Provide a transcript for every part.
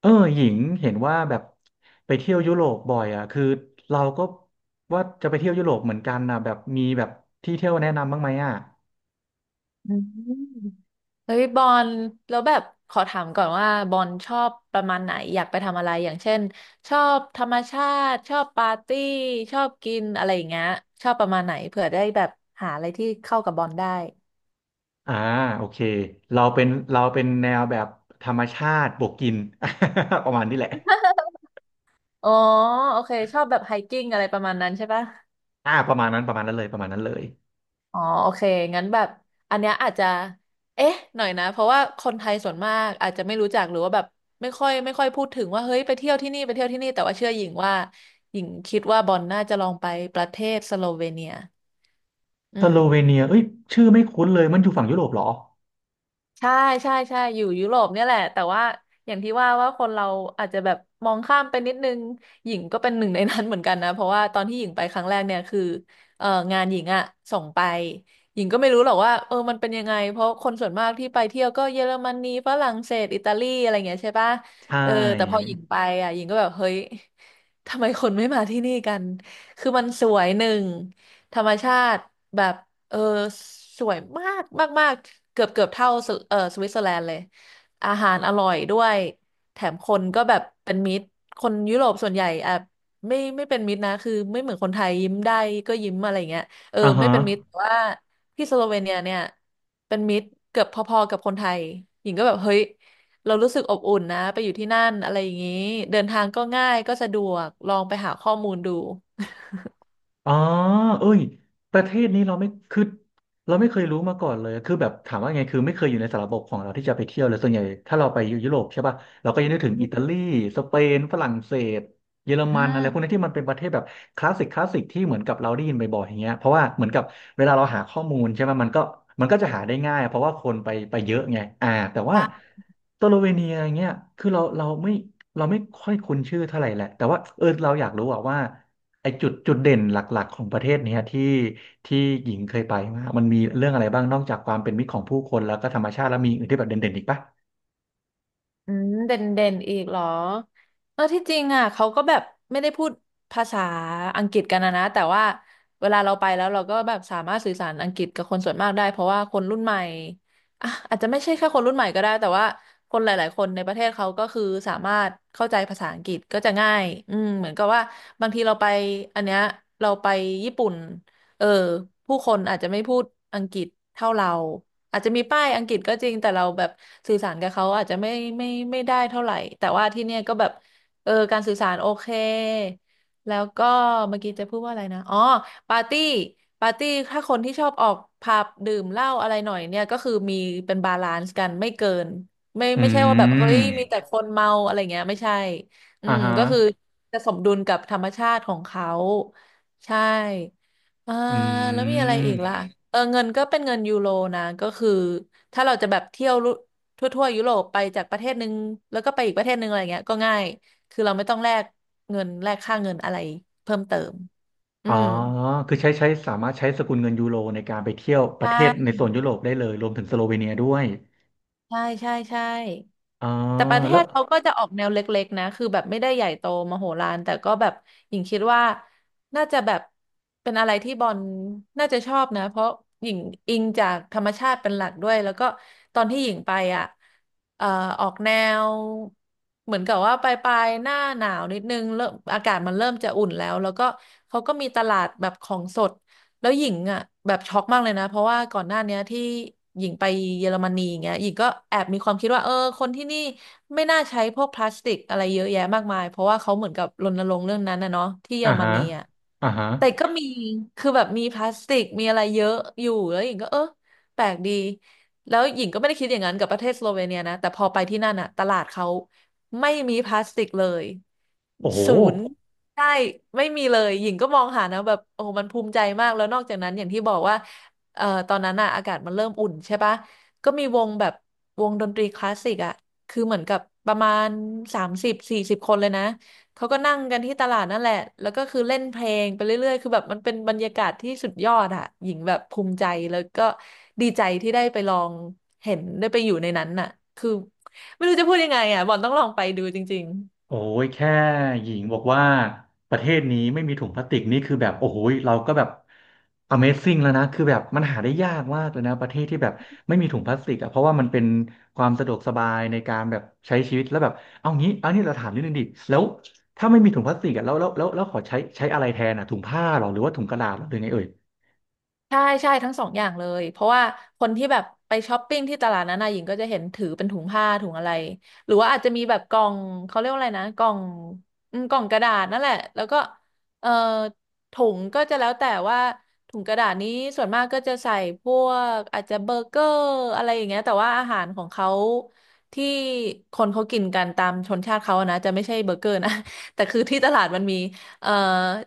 หญิงเห็นว่าแบบไปเที่ยวยุโรปบ่อยอ่ะคือเราก็ว่าจะไปเที่ยวยุโรปเหมือนกันนะแบบมีแบบที่เที่ยวแนะนำบ้างไหมอ่ะอืมเฮ้ยบอลแล้วแบบขอถามก่อนว่าบอลชอบประมาณไหนอยากไปทำอะไรอย่างเช่นชอบธรรมชาติชอบปาร์ตี้ชอบกินอะไรอย่างเงี้ยชอบประมาณไหนเผื่อได้แบบหาอะไรที่เข้ากับบอลได้อ่าโอเคเราเป็นเราเป็นแนวแบบธรรมชาติบวกกิน ประมาณนี้แหละอ๋อโอเคชอบแบบไฮกิ้งอะไรประมาณนั้นใช่ปะ อ่าประมาณนั้นประมาณนั้นเลยประมาณนั้นเลยอ๋อโอเคงั้นแบบอันเนี้ยอาจจะเอ๊ะหน่อยนะเพราะว่าคนไทยส่วนมากอาจจะไม่รู้จักหรือว่าแบบไม่ค่อยพูดถึงว่าเฮ้ยไปเที่ยวที่นี่ไปเที่ยวที่นี่แต่ว่าเชื่อหญิงว่าหญิงคิดว่าบอลน่าจะลองไปประเทศสโลเวเนียอืสม โลเวเนียเอ้ยชื่อไม่คุ้นเลยมันอยู่ฝั่งยุโรปเหรอใช่ใช่ใช่อยู่ยุโรปเนี่ยแหละแต่ว่าอย่างที่ว่าว่าคนเราอาจจะแบบมองข้ามไปนิดนึงหญิงก็เป็นหนึ่งในนั้นเหมือนกันนะเพราะว่าตอนที่หญิงไปครั้งแรกเนี่ยคือเอองานหญิงอะส่งไปหญิงก็ไม่รู้หรอกว่าเออมันเป็นยังไงเพราะคนส่วนมากที่ไปเที่ยวก็เยอรมนีฝรั่งเศสอิตาลีอะไรเงี้ยใช่ปะใช่เออแต่พอหญิงไปอะหญิงก็แบบเฮ้ยทำไมคนไม่มาที่นี่กันคือมันสวยหนึ่งธรรมชาติแบบ เออสวยมากมากมากเกือบเท่าสวิตเซอร์แลนด์เลยอาหารอร่อยด้วยแถมคนก็แบบเป็นมิตรคนยุโรปส่วนใหญ่อ่ะไม่เป็นมิตรนะคือไม่เหมือนคนไทยยิ้มได้ก็ยิ้มอะไรเงี้ยเอออ่าไม่ฮะ เป็นมิตรแต่ว่าที่สโลเวเนียเนี่ยเป็นมิตรเกือบพอๆกับคนไทยหญิงก็แบบเฮ้ยเรารู้สึกอบอุ่นนะไปอยู่ที่นั่นอะไรอย่างนี้เดินทางก็ง่ายก็สะดวกลองไปหาข้อมูลดูอ๋อเอ้ยประเทศนี้เราไม่เคยรู้มาก่อนเลยคือแบบถามว่าไงคือไม่เคยอยู่ในสารบบของเราที่จะไปเที่ยวเลยส่วนใหญ่ถ้าเราไปยุโรปใช่ป่ะเราก็จะนึกถึงอือิมตาลีสเปนฝรั่งเศสเยอรมันอะไรพวกนี้ที่มันเป็นประเทศแบบคลาสสิกคลาสสิกที่เหมือนกับเราได้ยินบ่อยๆอย่างเงี้ยเพราะว่าเหมือนกับเวลาเราหาข้อมูลใช่ไหมมันก็จะหาได้ง่ายเพราะว่าคนไปเยอะไงอ่าแต่ว่าใช่ สโลเวเนียอย่างเงี้ยคือเราไม่ค่อยคุ้นชื่อเท่าไหร่แหละแต่ว่าเออเราอยากรู้อะว่า ไอจุดเด่นหลักๆของประเทศเนี้ยที่ที่หญิงเคยไปมามันมีเรื่องอะไรบ้างนอกจากความเป็นมิตรของผู้คนแล้วก็ธรรมชาติแล้วมีอื่นที่แบบเด่นๆอีกปะอืมเด่นเด่นอีกเหรอเออที่จริงอ่ะเขาก็แบบไม่ได้พูดภาษาอังกฤษกันนะนะแต่ว่าเวลาเราไปแล้วเราก็แบบสามารถสื่อสารอังกฤษกับคนส่วนมากได้เพราะว่าคนรุ่นใหม่อ่ะอาจจะไม่ใช่แค่คนรุ่นใหม่ก็ได้แต่ว่าคนหลายๆคนในประเทศเขาก็คือสามารถเข้าใจภาษาอังกฤษก็จะง่ายอืมเหมือนกับว่าบางทีเราไปอันเนี้ยเราไปญี่ปุ่น เออผู้คนอาจจะไม่พูดอังกฤษเท่าเราอาจจะมีป้ายอังกฤษก็จริงแต่เราแบบสื่อสารกับเขาอาจจะไม่ไม่ได้เท่าไหร่แต่ว่าที่เนี่ยก็แบบเออการสื่อสารโอเคแล้วก็เมื่อกี้จะพูดว่าอะไรนะอ๋อปาร์ตี้ปาร์ตี้ถ้าคนที่ชอบออกผับดื่มเหล้าอะไรหน่อยเนี่ยก็คือมีเป็นบาลานซ์กันไม่เกินไม่อืไม่ใช่ว่าแบบเฮ้ย ม มีแต่คนเมาอะไรเงี้ยไม่ใช่อือ่ามฮะก็คือจะสมดุลกับธรรมชาติของเขาใช่ อ่าอืแล้วมีอะไรอีกล่ะมเออเงินก็เป็นเงินยูโรนะก็คือถ้าเราจะแบบเที่ยวทั่วยุโรปไปจากประเทศหนึ่งแล้วก็ไปอีกประเทศหนึ่งอะไรเงี้ยก็ง่ายคือเราไม่ต้องแลกเงินแลกค่าเงินอะไรเพิ่มเติมอือ๋อมคือใช้ใช้สามารถใช้สกุลเงินยูโรในการไปเที่ยวประใช่เทศในโซนยุโรปได้เลยรวมถึงสโลเวเนียด้วยใช่ใช่ใช่ อ๋อแต่ประเทแล้วศเขาก็จะออกแนวเล็กๆนะคือแบบไม่ได้ใหญ่โตมโหฬารแต่ก็แบบหญิงคิดว่าน่าจะแบบเป็นอะไรที่บอลน่าจะชอบนะเพราะหญิงอิงจากธรรมชาติเป็นหลักด้วยแล้วก็ตอนที่หญิงไปอ่ะเอ่อออกแนวเหมือนกับว่าปลายๆหน้าหนาวนิดนึงเริ่มอากาศมันเริ่มจะอุ่นแล้วแล้วก็เขาก็มีตลาดแบบของสด แล้วหญิงอ่ะแบบช็อกมากเลยนะเพราะว่าก่อนหน้าเนี้ยที่หญิงไปเยอรมนีอย่างเงี้ยหญิงก็แอบมีความคิดว่าเออคนที่นี่ไม่น่าใช้พวกพลาสติกอะไรเยอะแยะมากมายเพราะว่าเขาเหมือนกับรณรงค์เรื่องนั้นนะเนาะที่เยออ่ารมฮะนีอ่ะ อ่าฮะแต่ก็มีคือแบบมีพลาสติก มีอะไรเยอะอยู่แล้วหญิงก็เออ แปลกดีแล้วหญิงก็ไม่ได้คิดอย่างนั้นกับประเทศสโลเวเนียนะแต่พอไปที่นั่นอะตลาดเขาไม่มีพลาสติกเลยโอ้โห ศูนย์ใช่ไม่มีเลยหญิงก็มองหานะแบบโอ้โหมันภูมิใจมาก แล้วนอกจากนั้นอย่างที่บอกว่าตอนนั้นอะอากาศมันเริ่มอุ่นใช่ปะก็มีวงแบบวงดนตรีคลาสสิกอะคือเหมือนกับประมาณ30-40คนเลยนะ เขาก็นั่งกันที่ตลาดนั่นแหละ แล้วก็คือเล่นเพลงไปเรื่อยๆ คือแบบมันเป็นบรรยากาศที่สุดยอดอะหญิงแบบภูมิใจ แล้วก็ดีใจที่ได้ไปลองเห็นได้ไปอยู่ในนั้นน่ะคือไม่รู้จะพูดยังไงอะบอลต้องลองไปดูจริง โอ้ยแค่หญิงบอกว่าประเทศนี้ไม่มีถุงพลาสติกนี่คือแบบโอ้โหยเราก็แบบ Amazing แล้วนะคือแบบมันหาได้ยากมากเลยนะประเทศที่แบบไม่มีถุงพลาสติกอ่ะเพราะว่ามันเป็นความสะดวกสบายในการแบบใช้ชีวิตแล้วแบบเอางี้เอานี่เราถามนิดนึงดิแล้วถ้าไม่มีถุงพลาสติกอ่ะแล้วขอใช้อะไรแทนอ่ะถุงผ้าหรอหรือว่าถุงกระดาษหรอหรือไงเอ่ยใช่ใช่ทั้งสองอย่างเลยเพราะว่าคนที่แบบไปช้อปปิ้งที่ตลาดนั้นนะหญิงก็จะเห็นถือเป็นถุงผ้าถุงอะไรหรือว่าอาจจะมีแบบกล่องเขาเรียกว่าอะไรนะกล่องอืมกล่องกระดาษนั่นแหละแล้วก็เอ่อถุงก็จะแล้วแต่ว่าถุงกระดาษนี้ส่วนมากก็จะใส่พวกอาจจะเบอร์เกอร์อะไรอย่างเงี้ยแต่ว่าอาหารของเขาที่คนเขากินกันตามชนชาติเขาอะนะจะไม่ใช่เบอร์เกอร์นะ แต่คือที่ตลาดมันมี เอ่อ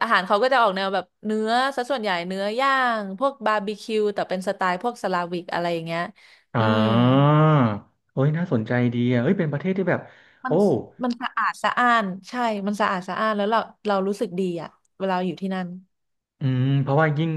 อาหารเขาก็จะออกแนวแบบเนื้อซะส่วนใหญ่เนื้อย่างพวกบาร์บีคิวแต่เป็นสไตล์พวกสลาวิกอะไรอย่างเงี้ยอ่อืมาโอ้ยน่าสนใจดีอ่ะเฮ้ยเป็นประเทศที่แบบมัโอ้ นมันสะอาดสะอ้านใช่มันสะอาดสะอ้านแล้วเรารู้สึกดีอ่ะเวลาอยู่ที่นั่นอืมเพราะว่ายิ่ง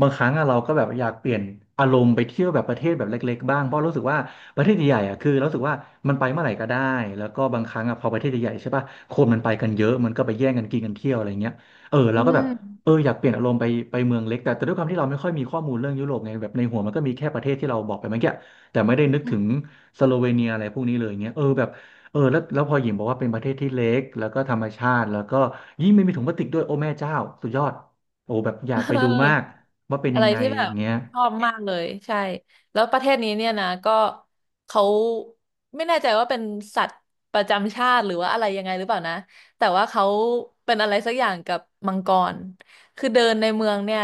บางครั้งอะเราก็แบบอยากเปลี่ยนอารมณ์ไปเที่ยวแบบประเทศแบบเล็กๆบ้างเพราะรู้สึกว่าประเทศใหญ่ๆอะคือเรารู้สึกว่ามันไปเมื่อไหร่ก็ได้แล้วก็บางครั้งอะพอประเทศใหญ่ๆใช่ป่ะคนมันไปกันเยอะมันก็ไปแย่งกันกินกันเที่ยวอะไรเงี้ยเอออืเราก็ม แบบเอออยากเปลี่ยนอารมณ์ไปเมืองเล็กแต่แต่ด้วยความที่เราไม่ค่อยมีข้อมูลเรื่องยุโรปไงแบบในหัวมันก็มีแค่ประเทศที่เราบอกไปเมื่อกี้แต่ไม่ได้นึกถึงสโลเวเนียอะไรพวกนี้เลยเงี้ยเออแบบเออแล้วพอหญิงบอกว่าเป็นประเทศที่เล็กแล้วก็ธรรมชาติแล้วก็ยิ่งไม่มีถุงพลาสติกด้วยโอ้แม่เจ้าสุดยอด โอ้แบบอ เอยากอ ไปดูมากว่าเป็นอะยัไรงไงที่แบอบย่างเงี้ยชอบมากเลยใช่แล้วประเทศนี้เนี่ยนะก็เขาไม่แน่ใจว่าเป็นสัตว์ประจำชาติหรือว่าอะไรยังไงหรือเปล่านะแต่ว่าเขาเป็นอะไรสักอย่างกับมังกรคือเดินในเมืองเนี่ย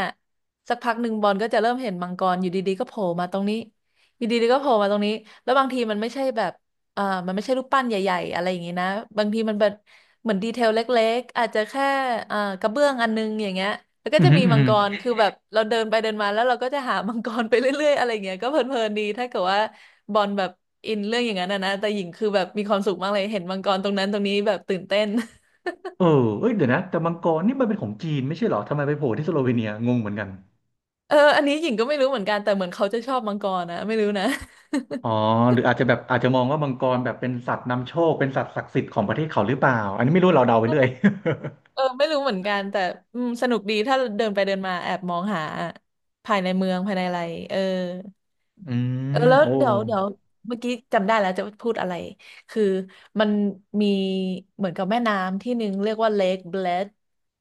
สักพักหนึ่งบอลก็จะเริ่มเห็นมังกรอยู่ดีๆก็โผล่มาตรงนี้อยู่ดีๆก็โผล่มาตรงนี้แล้วบางทีมันไม่ใช่แบบ เอ่อมันไม่ใช่รูปปั้นใหญ่ๆอะไรอย่างงี้นะบางทีมันแบบเหมือนดีเทลเล็กๆอาจจะแค่กระเบื้องอันนึงอย่างเงี้ยแล้วก็อืมอจะหืมมีออือมังหือกรคือแบบเราเดินไปเดินมาแล้วเราก็จะหามังกรไปเรื่อยๆอะไรอย่างเงี้ยก็เพลินๆดีถ้าเกิดว่าบอลแบบอินเรื่องอย่างนั้นนะนะแต่หญิงคือแบบมีความสุขมากเลยเห็นมังกรตรงนั้นตรงนี้แบบตื่นเต้น เออเอ้ยเดี๋ยวนะแต่มังกรนี่มันเป็นของจีนไม่ใช่เหรอทำไมไปโผล่ที่สโลเวเนียงงเหมือนกันเอออันนี้หญิงก็ไม่รู้เหมือนกันแต่เหมือนเขาจะชอบมังกรนะไม่รู้นะ อ๋อหรืออาจจะแบบอาจจะมองว่ามังกรแบบเป็นสัตว์นำโชคเป็นสัตว์ศักดิ์สิทธิ์ของประเทศเขาหรือเปล่าอันนี้ไม่รู้เราเดาไปเรื่อย เออไม่รู้เหมือนกันแต่อืมสนุกดีถ้าเดินไปเดินมาแอบมองหาภายในเมืองภายในอะไรเออ อืเออมแล้วโอ้เดี๋ยวเมื่อกี้จำได้แล้วจะพูดอะไร คือมันมีเหมือนกับแม่น้ำที่หนึ่งเรียกว่า Lake Bled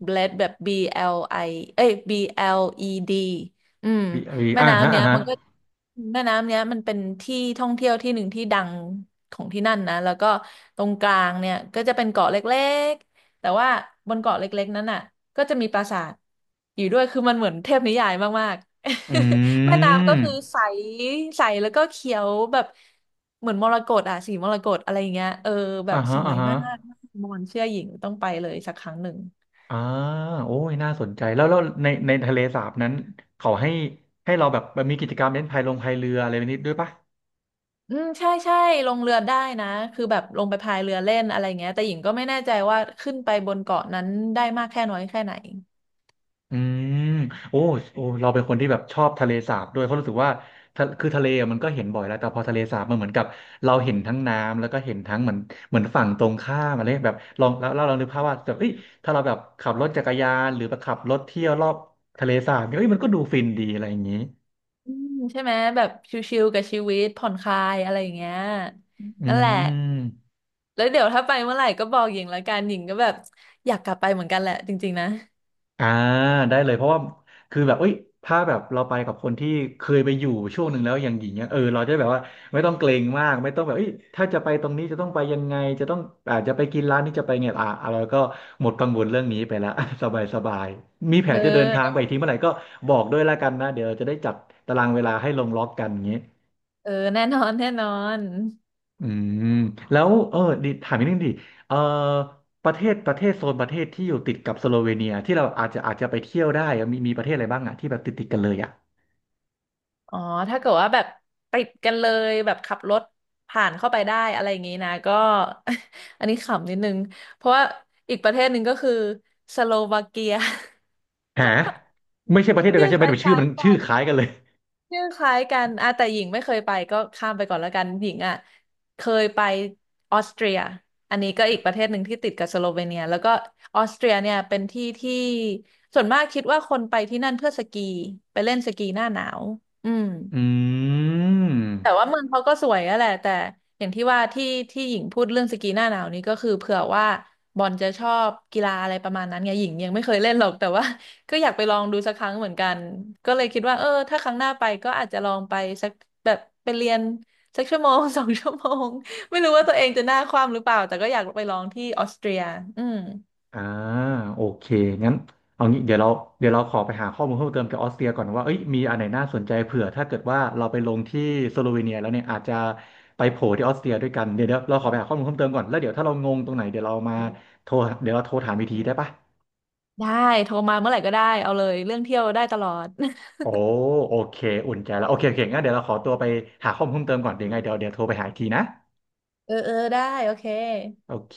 Bled แบบ BLI เอ้ย BLED อืมวีวีแม่อ่าฮะน้ำเนี้อ่ายฮะมันก็แม่น้ำเนี้ยมันเป็นที่ท่องเที่ยวที่หนึ่งที่ดังของที่นั่นนะแล้วก็ตรงกลางเนี่ยก็จะเป็นเกาะเล็ก แต่ว่าบนเกาะเล็กๆนั้นน่ะก็จะมีปราสาทอยู่ด้วยคือมันเหมือนเทพนิยายมากอืๆ แม่น้ำก็คือมใสใสแล้วก็เขียวแบบเหมือนมรกตอ่ะสีมรกตอะไรอย่างเงี้ยเออแบอ่าบสฮะวอ่ายฮะมากมอนเชื่อหญิงต้องไปเลยสักครั้งหนึ่งอ่าโอ้ยน่าสนใจแล้วในทะเลสาบนั้นเขาให้เราแบบมีกิจกรรมเล่นพายลงพายเรืออะไรแบบนี้ด้วยปะ อืมใช่ใช่ลงเรือได้นะคือแบบลงไปพายเรือเล่นอะไรเงี้ยแต่หญิงก็ไม่แน่ใจว่าขึ้นไปบนเกาะนั้นได้มากแค่น้อยแค่ไหน อืมโอ้โอ้เราเป็นคนที่แบบชอบทะเลสาบด้วยเพราะรู้สึกว่าทะเลอะมันก็เห็นบ่อยแล้วแต่พอทะเลสาบมันเหมือนกับเราเห็นทั้งน้ำแล้วก็เห็นทั้งเหมือนเหมือนฝั่งตรงข้ามอะไรแบบลองแล้วเรานึกภาพว่าแบบเอ้ยถ้าเราแบบขับรถจักรยานหรือแบบขับรถเที่ยวรอบทะเลสาบเนี่ยเอ้ยมันก็ดูฟินดีอะไรอย่างนี้อืมใช่ไหมแบบชิลๆกับชีวิตผ่อนคลายอะไรอย่างเงี้ยอืนั่นแหละม แล้วเดี๋ยวถ้าไปเมื่อไหร่ก็บอกหญิงละกันหญิงก็แบบอยากกลับไปเหมือนกันแหละจริงๆนะอ่าได้เลยเพราะว่าคือแบบเอ้ยถ้าแบบเราไปกับคนที่เคยไปอยู่ช่วงหนึ่งแล้วอย่างหญิงเนี่ยเออเราจะได้แบบว่าไม่ต้องเกรงมากไม่ต้องแบบเอ้ยถ้าจะไปตรงนี้จะต้องไปยังไงจะต้องอาจจะไปกินร้านนี้จะไปไงอ่าเราก็หมดกังวลเรื่องนี้ไปแล้ว สบายสบายมีแผเอนจะเดินอทางไปอีกทีเมื่อไหร่ก็บอกด้วยละกันนะเดี๋ยวเราจะได้จัดตารางเวลาให้ลงล็อกกันอย่างนี้ เออแน่นอนแน่นอนอืมแล้วเออดิถามนิดนึงดิเออประเทศโซนประเทศที่อยู่ติดกับสโลเวเนียที่เราอาจจะไปเที่ยวได้อะมีประเทศอะไรบ้างอะที่แบบติดกันเลยอะอ๋อถ้าเกิดว่าแบบติดกันเลยแบบขับรถผ่านเข้าไปได้อะไรอย่างงี้นะก็ อันนี้ขำนิดนึงเพราะว่าอีกประเทศหนึ่งก็คือสโลวาเกีย หาไม่ใช่ประเทศ เดียวชื่กันอใช่คไหมลแต่ชื่อ้ายมันๆกัชื่อน คล้ายกันเลยชื่อคล้ายกันอ่ะแต่หญิงไม่เคยไปก็ข้ามไปก่อนแล้วกันหญิงอ่ะเคยไปออสเตรียอันนี้ก็อีกประเทศหนึ่งที่ติดกับสโลเวเนียแล้วก็ออสเตรียเนี่ยเป็นที่ที่ส่วนมากคิดว่าคนไปที่นั่นเพื่อสกีไปเล่นสกีหน้าหนาวอืม อืแต่ว่าม เมืองเขาก็สวยอะแหละแต่อย่างที่ว่าที่หญิงพูดเรื่องสกีหน้าหนาวนี้ก็คือเผื่อว่าบอลจะชอบกีฬาอะไรประมาณนั้นไงหญิงยังไม่เคยเล่นหรอกแต่ว่า ก็อยากไปลองดูสักครั้งเหมือนกันก็เลยคิดว่าเออถ้าครั้งหน้าไปก็อาจจะลองไปสักแบบไปเรียนสักชั่วโมง 2 ชั่วโมงไม่รู้ว่าตัวเองจะหน้าคว่ำหรือเปล่าแต่ก็อยากไปลองที่ออสเตรียอืมอ่าโอเคงั้นเอางี้เดี๋ยวเราขอไปหาข้อมูลเพิ่มเติมเกี่ยวกับออสเตรียก่อนว่าเอ้ยมีอันไหนน่าสนใจเผื่อถ้าเกิดว่าเราไปลงที่สโลเวเนียแล้วเนี่ยอาจจะไปโผล่ที่ออสเตรียด้วยกันเดี๋ยวเราขอไปหาข้อมูลเพิ่มเติมก่อนแล้วเดี๋ยวถ้าเรางงตรงไหนเดี๋ยวเรามาโทรเดี๋ยวเราโทรถามอีกทีได้ปะได้โทรมาเมื่อไหร่ก็ได้เอาเลยเรื่องเที่ยวได้ตลอด โอ้โอเคอุ่นใจแล้วโอเคโอเคงั้นเดี๋ยวเราขอตัวไปหาข้อมูลเพิ่มเติมก่อนเดี๋ยวังไงเดี๋ยวโทรไปหาอีกทีนะ เออเออได้โอเคโอเค